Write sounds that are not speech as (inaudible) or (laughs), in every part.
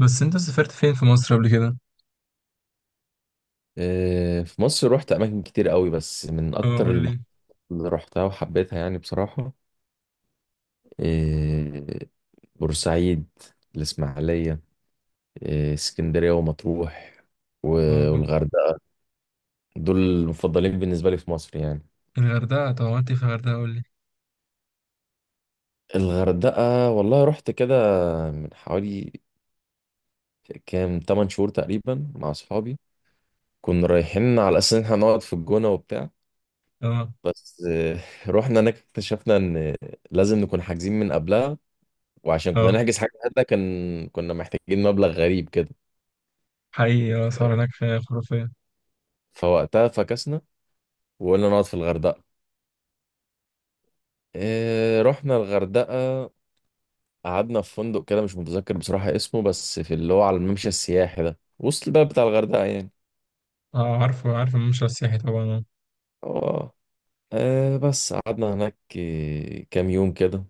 بس انت سافرت فين في مصر قبل كده؟ آه، في مصر رحت اماكن كتير قوي بس من اه اكتر قول لي. المحافظات اللي رحتها وحبيتها يعني بصراحة. آه، بورسعيد، الاسماعيلية، اسكندرية، ومطروح و- اه جو- والغردقة. دول المفضلين بالنسبة لي في مصر يعني. الغردقه، طب عملت ايه في الغردقه؟ قول لي. الغردقة والله رحت كده من حوالي كام 8 شهور تقريبا مع اصحابي. كنا رايحين على اساس ان احنا نقعد في الجونة وبتاع. اه بس (laughs) رحنا هناك اكتشفنا ان لازم نكون حاجزين من قبلها. وعشان كنا اه نحجز حاجة هنا كان كنا محتاجين مبلغ غريب كده. حقيقي، اسعار هناك خرافيه. فوقتها فكسنا وقلنا نقعد في الغردقة. إيه، رحنا الغردقة، قعدنا في فندق كده مش متذكر بصراحة اسمه، بس في اللي هو على الممشى السياحي ده وسط البلد بتاع الغردقة يعني. اه عارف الممشى السياحي طبعا، اه. اه. بس قعدنا هناك كام يوم كده.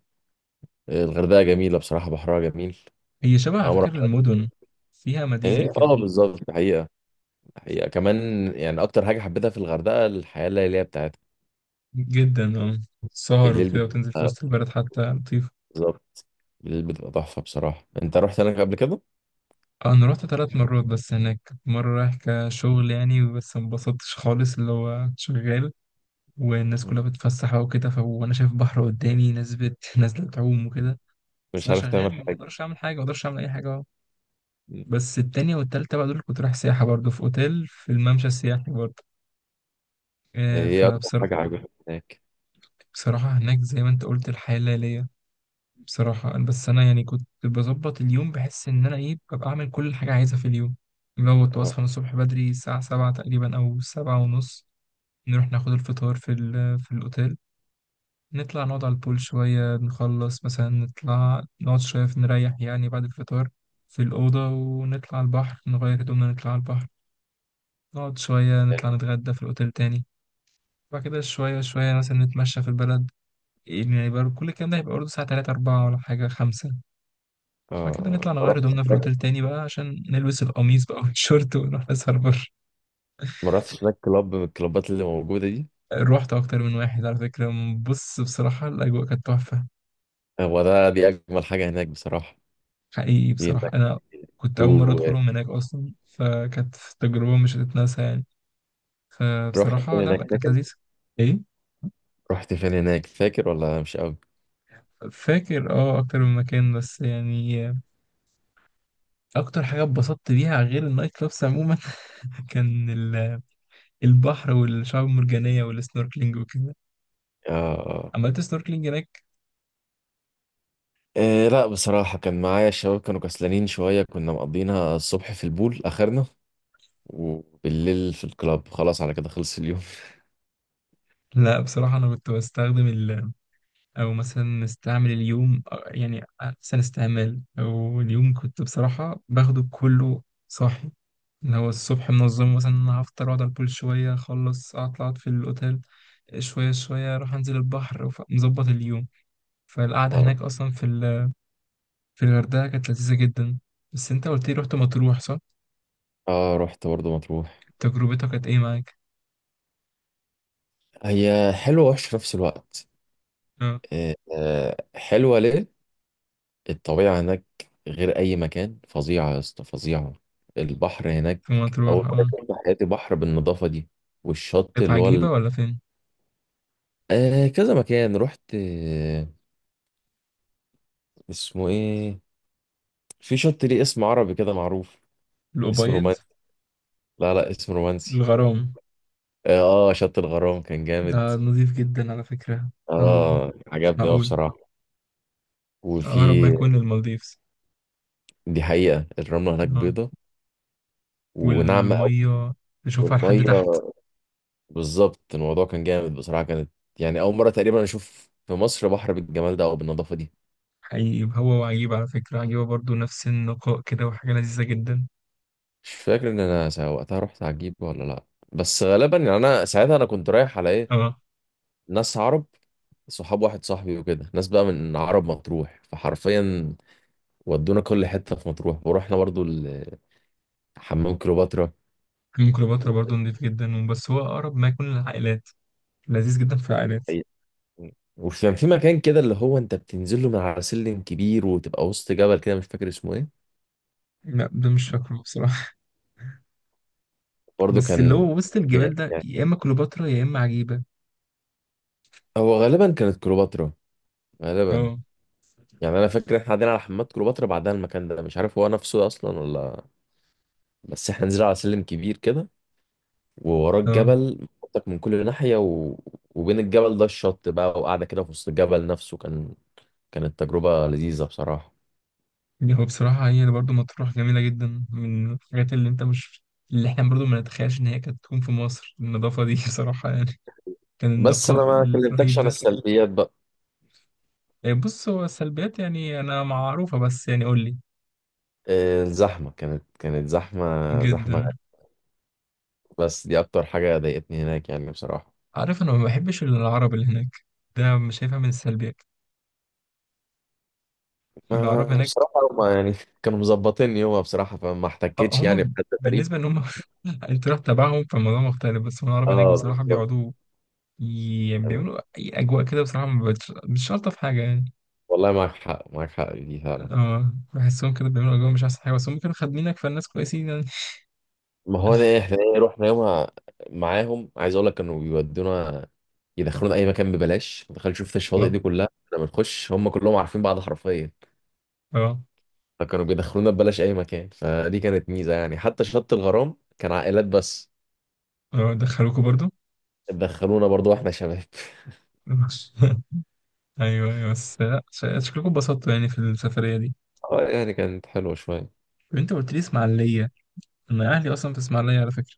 الغردقة جميلة بصراحة، بحرها جميل. هي شبه احنا على عمرنا. فكره المدن فيها مدينه ايه، كده، اه، بالظبط. الحقيقة كمان يعني اكتر حاجة حبيتها في الغردقة الحياة الليلية بتاعتها. جدا اه. سهر الليل وكده وتنزل في بتاعها، وسط البلد حتى لطيفه. بالظبط، الليل بتبقى تحفة بصراحة. انت رحت هناك قبل كده؟ اه، انا رحت 3 مرات، بس هناك مره رايح كشغل يعني، بس ما انبسطتش خالص اللي هو شغال والناس كلها بتتفسح بقى وكده، وانا شايف بحر قدامي، ناس (laughs) نازله تعوم وكده. بس مش انا عارف شغال تعمل ما حاجة. اقدرش اعمل حاجه، ما اقدرش اعمل اي حاجه اهو. بس التانية والتالتة بقى دول كنت رايح سياحه برضه في اوتيل في الممشى السياحي برضه. ايه اكتر فبصراحه حاجة عجبتك هناك؟ بصراحه هناك زي ما انت قلت الحياه الليليه بصراحه، بس انا يعني كنت بظبط اليوم، بحس ان انا ايه ببقى اعمل كل حاجه عايزها في اليوم. لو كنت اه، بصحى من الصبح بدري الساعه 7 تقريبا او 7 ونص، نروح ناخد الفطار في في الاوتيل. نطلع نقعد على البول شوية، نخلص مثلا نطلع نقعد شوية نريح يعني بعد الفطار في الأوضة، ونطلع على البحر، نغير هدومنا نطلع على البحر. نقعد شوية نطلع نتغدى في الأوتيل تاني. بعد كده شوية شوية مثلا نتمشى في البلد. يعني برضه كل الكلام ده هيبقى برضه الساعة 3، 4 ولا حاجة 5. بعد كده اه، نطلع نغير هدومنا في الأوتيل تاني بقى عشان نلبس القميص بقى (laughs) والشورت ونروح نسهر بره. ما رحتش هناك كلاب من الكلابات اللي موجودة دي. روحت أكتر من واحد على فكرة. بص بصراحة الأجواء كانت تحفة. هو ده دي أجمل حاجة هناك بصراحة. حقيقي في بصراحة هناك. أنا كنت أول مرة تو. أدخلهم هناك أصلا، فكانت تجربة مش هتتنسى يعني. رحت فبصراحة فين لا لا، هناك كانت فاكر؟ لذيذة. إيه. رحت فين هناك فاكر ولا مش قوي؟ فاكر أه، أكتر من مكان بس يعني. أكتر حاجة اتبسطت بيها غير النايت كلابس عموما (laughs) كان البحر والشعاب المرجانية والسنوركلينج وكده. اه، اه، عملت سنوركلينج هناك. إيه، لا بصراحة كان معايا الشباب كانوا كسلانين شوية، كنا مقضينا الصبح في البول آخرنا، وبالليل في الكلاب، خلاص على كده خلص اليوم. لا بصراحة أنا كنت بستخدم، او مثلا استعمل اليوم يعني احسن استعمال، او اليوم كنت بصراحه باخده كله صاحي. اللي هو الصبح منظم مثلا، انا هفطر واقعد على البول شويه اخلص، اطلع أقعد في الاوتيل شويه شويه، اروح انزل البحر مظبط اليوم. (laughs) فالقعده اه، هناك اصلا في في الغردقه كانت لذيذه جدا. بس انت قلت لي رحت مطروح، صح؟ اه، رحت برضه مطروح. تجربتك كانت ايه معاك؟ هي حلوة ووحشة في نفس الوقت. اه. حلوة ليه؟ الطبيعة هناك غير أي مكان، فظيعة يا اسطى، فظيعة. البحر هناك في مطروح، أول مرة اه. شفت في حياتي بحر بالنظافة دي، والشط في اللي هو ال... عجيبه ولا فين؟ آه، كذا مكان رحت. آه، اسمه إيه؟ في شط ليه اسم عربي كده معروف، اسم الابيض. رومانسي. لا، لا، اسم رومانسي. الغرام. آه، آه، شط الغرام كان جامد. ده نظيف جدا على فكرة. اه، آه، مش عجبني أوي معقول. بصراحة. أقرب ما وفي. يكون للمالديفز. دي حقيقة الرملة هناك اه. بيضة وناعمة أوي، والمية نشوفها لحد والميه تحت. بالظبط. الموضوع كان جامد بصراحة. كانت يعني أول مرة تقريبا أشوف في مصر بحر بالجمال ده أو بالنظافة دي. حقيقي، هو وعجيبة على فكرة، عجيبة برضو نفس النقاء كده، وحاجة لذيذة جدا. مش فاكر إن أنا وقتها رحت عجيبة ولا لأ. بس غالبا، يعني أنا ساعتها أنا كنت رايح على إيه، اه. ناس عرب. صحاب واحد صاحبي وكده ناس بقى من عرب مطروح، فحرفيا ودونا كل حتة في مطروح، ورحنا برضو حمام كليوباترا. حمام كليوباترا و- برضو نظيف جدا، بس هو أقرب ما يكون للعائلات. لذيذ جدا في العائلات. وكان في مكان كده اللي هو أنت بتنزل له من على سلم كبير وتبقى وسط جبل كده، مش فاكر اسمه إيه. لا ده مش فاكره بصراحة (laughs) برضو بس اللي كان هو وسط جامد الجبال ده يعني. يا إما كليوباترا يا إما عجيبة. هو غالبا كانت كليوباترا، غالبا. اه يعني انا فاكر احنا قاعدين على حمامات كليوباترا، بعدها المكان ده مش عارف هو نفسه اصلا ولا. بس احنا نزلنا على سلم كبير كده، ووراه اه. الجبل منطق من كل ناحيه و... وبين الجبل ده الشط بقى، وقاعده كده في وسط الجبل نفسه. كانت تجربه لذيذه بصراحه. يعني هو بصراحة هي برضه مطروح جميلة جدا. من الحاجات اللي انت مش، اللي احنا برضه ما نتخيلش ان هي كانت تكون في مصر النظافة دي (laughs) بصراحة يعني، كان بس النقاء انا ما كلمتكش الرهيب عن ده. السلبيات بقى. إيه بص، هو السلبيات يعني انا معروفة، بس يعني قول لي. الزحمه كانت زحمه زحمه. جدا. بس دي اكتر حاجه ضايقتني هناك يعني بصراحه. عارف انا ما بحبش العرب اللي هناك. ده مش شايفها من السلبيات. ما العرب انا هناك. بصراحه هما يعني (laughs) كانوا مظبطيني، هو بصراحه فما اه، احتكتش يعني هم بحد غريب. بالنسبة ان هم (laughs) انت رحت تبعهم فالموضوع مختلف. بس هم العرب هناك اه، بصراحة بالظبط. بيقعدوا، يعني بيعملوا اي اجواء كده، بصراحة ما بتش- مش شرط في حاجة يعني. والله معاك حق، معاك حق في دي فعلا. اه، بحسهم كده بيعملوا جو مش احسن حاجه، بس هم كانوا خادمينك، فالناس كويسين يعني. ما هو ده احنا، ايه رحنا يومها معاهم، عايز اقول لك كانوا بيودونا، يدخلونا اي مكان ببلاش. ما دخلت شفت الشواطئ اه. دي كلها احنا بنخش، هم كلهم عارفين بعض حرفيا. اه. فكانوا بيدخلونا ببلاش اي مكان، فدي كانت ميزه يعني. حتى شط الغرام كان عائلات بس اه، دخلوكوا برضو. دخلونا برضو واحنا شباب. (laughs) (laughs) ايوه ايوه، بس لا شكلكم اتبسطتوا يعني في السفريه دي. اه، يعني كانت حلوه شويه. طب انت قلت لي اسماعيليه. انا اهلي اصلا في اسماعيليه على فكره.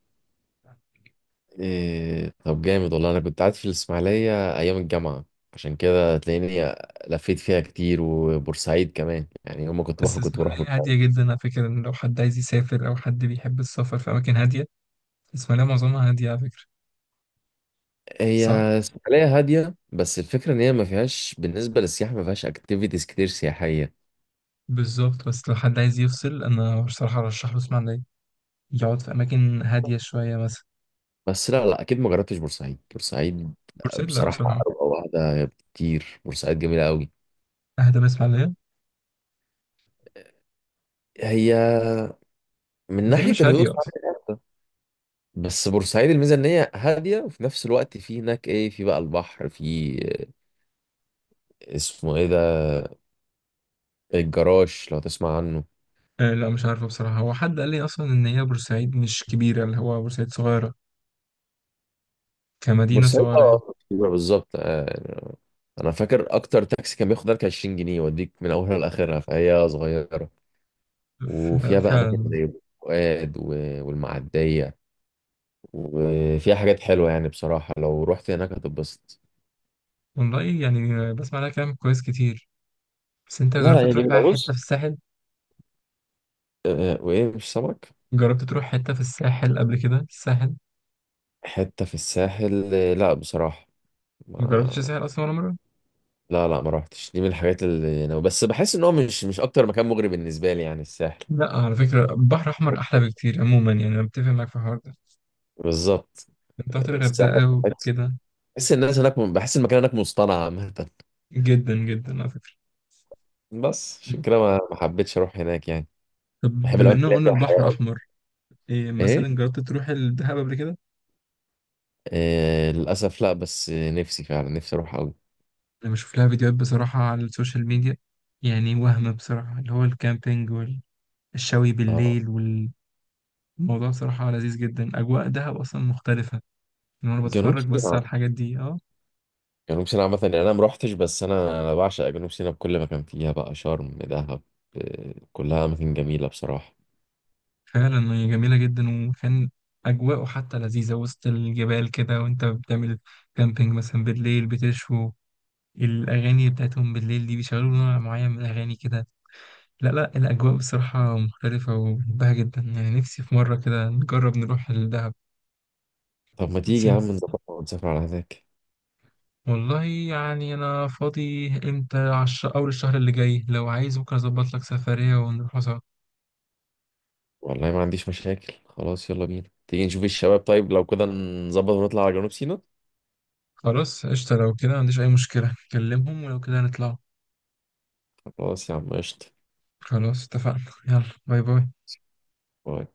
إيه، طب جامد والله. انا كنت قاعد في الاسماعيليه ايام الجامعه. عشان كده تلاقيني لفيت فيها كتير، وبورسعيد كمان يعني، يوم ما كنت بس بخرج كنت بروح اسماعيليه هاديه بورسعيد. جدا على فكره، ان لو حد عايز يسافر او حد بيحب السفر في اماكن هاديه، اسماعيليه معظمها هاديه على فكره. هي صح. ساحلية هادية، بس الفكرة إن هي ما فيهاش بالنسبة للسياحة، ما فيهاش أكتيفيتيز كتير سياحية. بالظبط، بس لو حد عايز يفصل انا بصراحه ارشح له اسماعيليه، يقعد في اماكن هاديه شويه مثلا. بس لا، لا، أكيد ما جربتش بورسعيد. بورسعيد بورسعيد لا بصراحة بصراحه أروقة واحدة كتير، بورسعيد جميلة أوي. اهدى من اسماعيليه. هي من وتاني ناحية مش الهدوء هاديه اصلا. فعلاً، جامدة. بس بورسعيد الميزة إن هي هادية، وفي نفس الوقت في هناك إيه، في بقى البحر، في اسمه إيه ده، الجراش، لو تسمع عنه. آه لا، مش عارفة بصراحة. هو حد قال لي أصلا إن هي بورسعيد مش كبيرة، اللي هو بورسعيد صغيرة، كمدينة بورسعيد، صغيرة يعني. اه، أيوة بالظبط. يعني انا فاكر اكتر تاكسي كان بياخد لك 20 جنيه يوديك من اولها لاخرها، فهي صغيره. ف- وفيها بقى اماكن فعلا. زي فؤاد و- والمعديه، وفيها حاجات حلوه يعني بصراحه، لو رحت هناك هتتبسط. والله يعني بسمع لها كلام كويس كتير. بس أنت لا، لا، جربت هي تروح بقى جميله حتة بص. في الساحل؟ وايه مش سمك. جربت تروح حتة في الساحل قبل كده؟ الساحل؟ حته في الساحل، لا بصراحه. ما جربتش ما. الساحل أصلا ولا مرة؟ لا، لا، ما رحتش. دي من الحاجات اللي انا بس بحس ان هو مش اكتر مكان مغري بالنسبه لي يعني الساحل. لا على فكرة البحر الأحمر أحلى بكتير عموما، يعني أنا متفق معاك في الحوار ده. بالظبط، أنت رحت الساحل. الغردقة وكده. بحس الناس هناك، بحس المكان هناك مصطنع عامة. جدا جدا على فكرة. بس م. عشان كده ما حبيتش اروح هناك يعني. طب بحب بما الاماكن إننا اللي هي قلنا فيها حياة البحر أوي. أحمر، إيه ايه. مثلا جربت تروح الدهب قبل كده؟ آه، للاسف لا، بس نفسي فعلا، نفسي اروح قوي. انا بشوف لها فيديوهات بصراحة على السوشيال ميديا، يعني وهم بصراحة اللي هو الكامبينج والشوي آه، بالليل والموضوع، صراحة لذيذ جدا. اجواء دهب اصلا مختلفة، ان انا جنوب بتفرج بس سيناء. على الحاجات دي اه. جنوب سيناء عامة يعني انا ما روحتش، بس انا بعشق جنوب سيناء بكل مكان فيها، بقى شرم، دهب، آه، كلها اماكن جميلة بصراحة. فعلا هي جميلة جدا، وكان اجواءه حتى لذيذة، وسط الجبال كده وانت بتعمل كامبينج مثلا بالليل بتشوي. الاغاني بتاعتهم بالليل دي بيشغلوا نوع معين من الاغاني كده. لا لا الاجواء بصراحة مختلفة وبحبها جدا، يعني نفسي في مرة كده نجرب نروح الدهب. طب ما بس تيجي يا عم نظبط ونسافر على هناك. والله يعني أنا فاضي. إمتى أول الشهر اللي جاي؟ لو عايز ممكن أظبط لك سفرية ونروح سوا. والله ما عنديش مشاكل، خلاص يلا بينا، تيجي نشوف الشباب، طيب لو كده نظبط ونطلع على جنوب سيناء. خلاص قشطة، لو كده ما عنديش أي مشكلة، كلمهم ولو كده نطلع. خلاص يا عم قشطة. خلاص اتفقنا. يلا. باي باي. باي.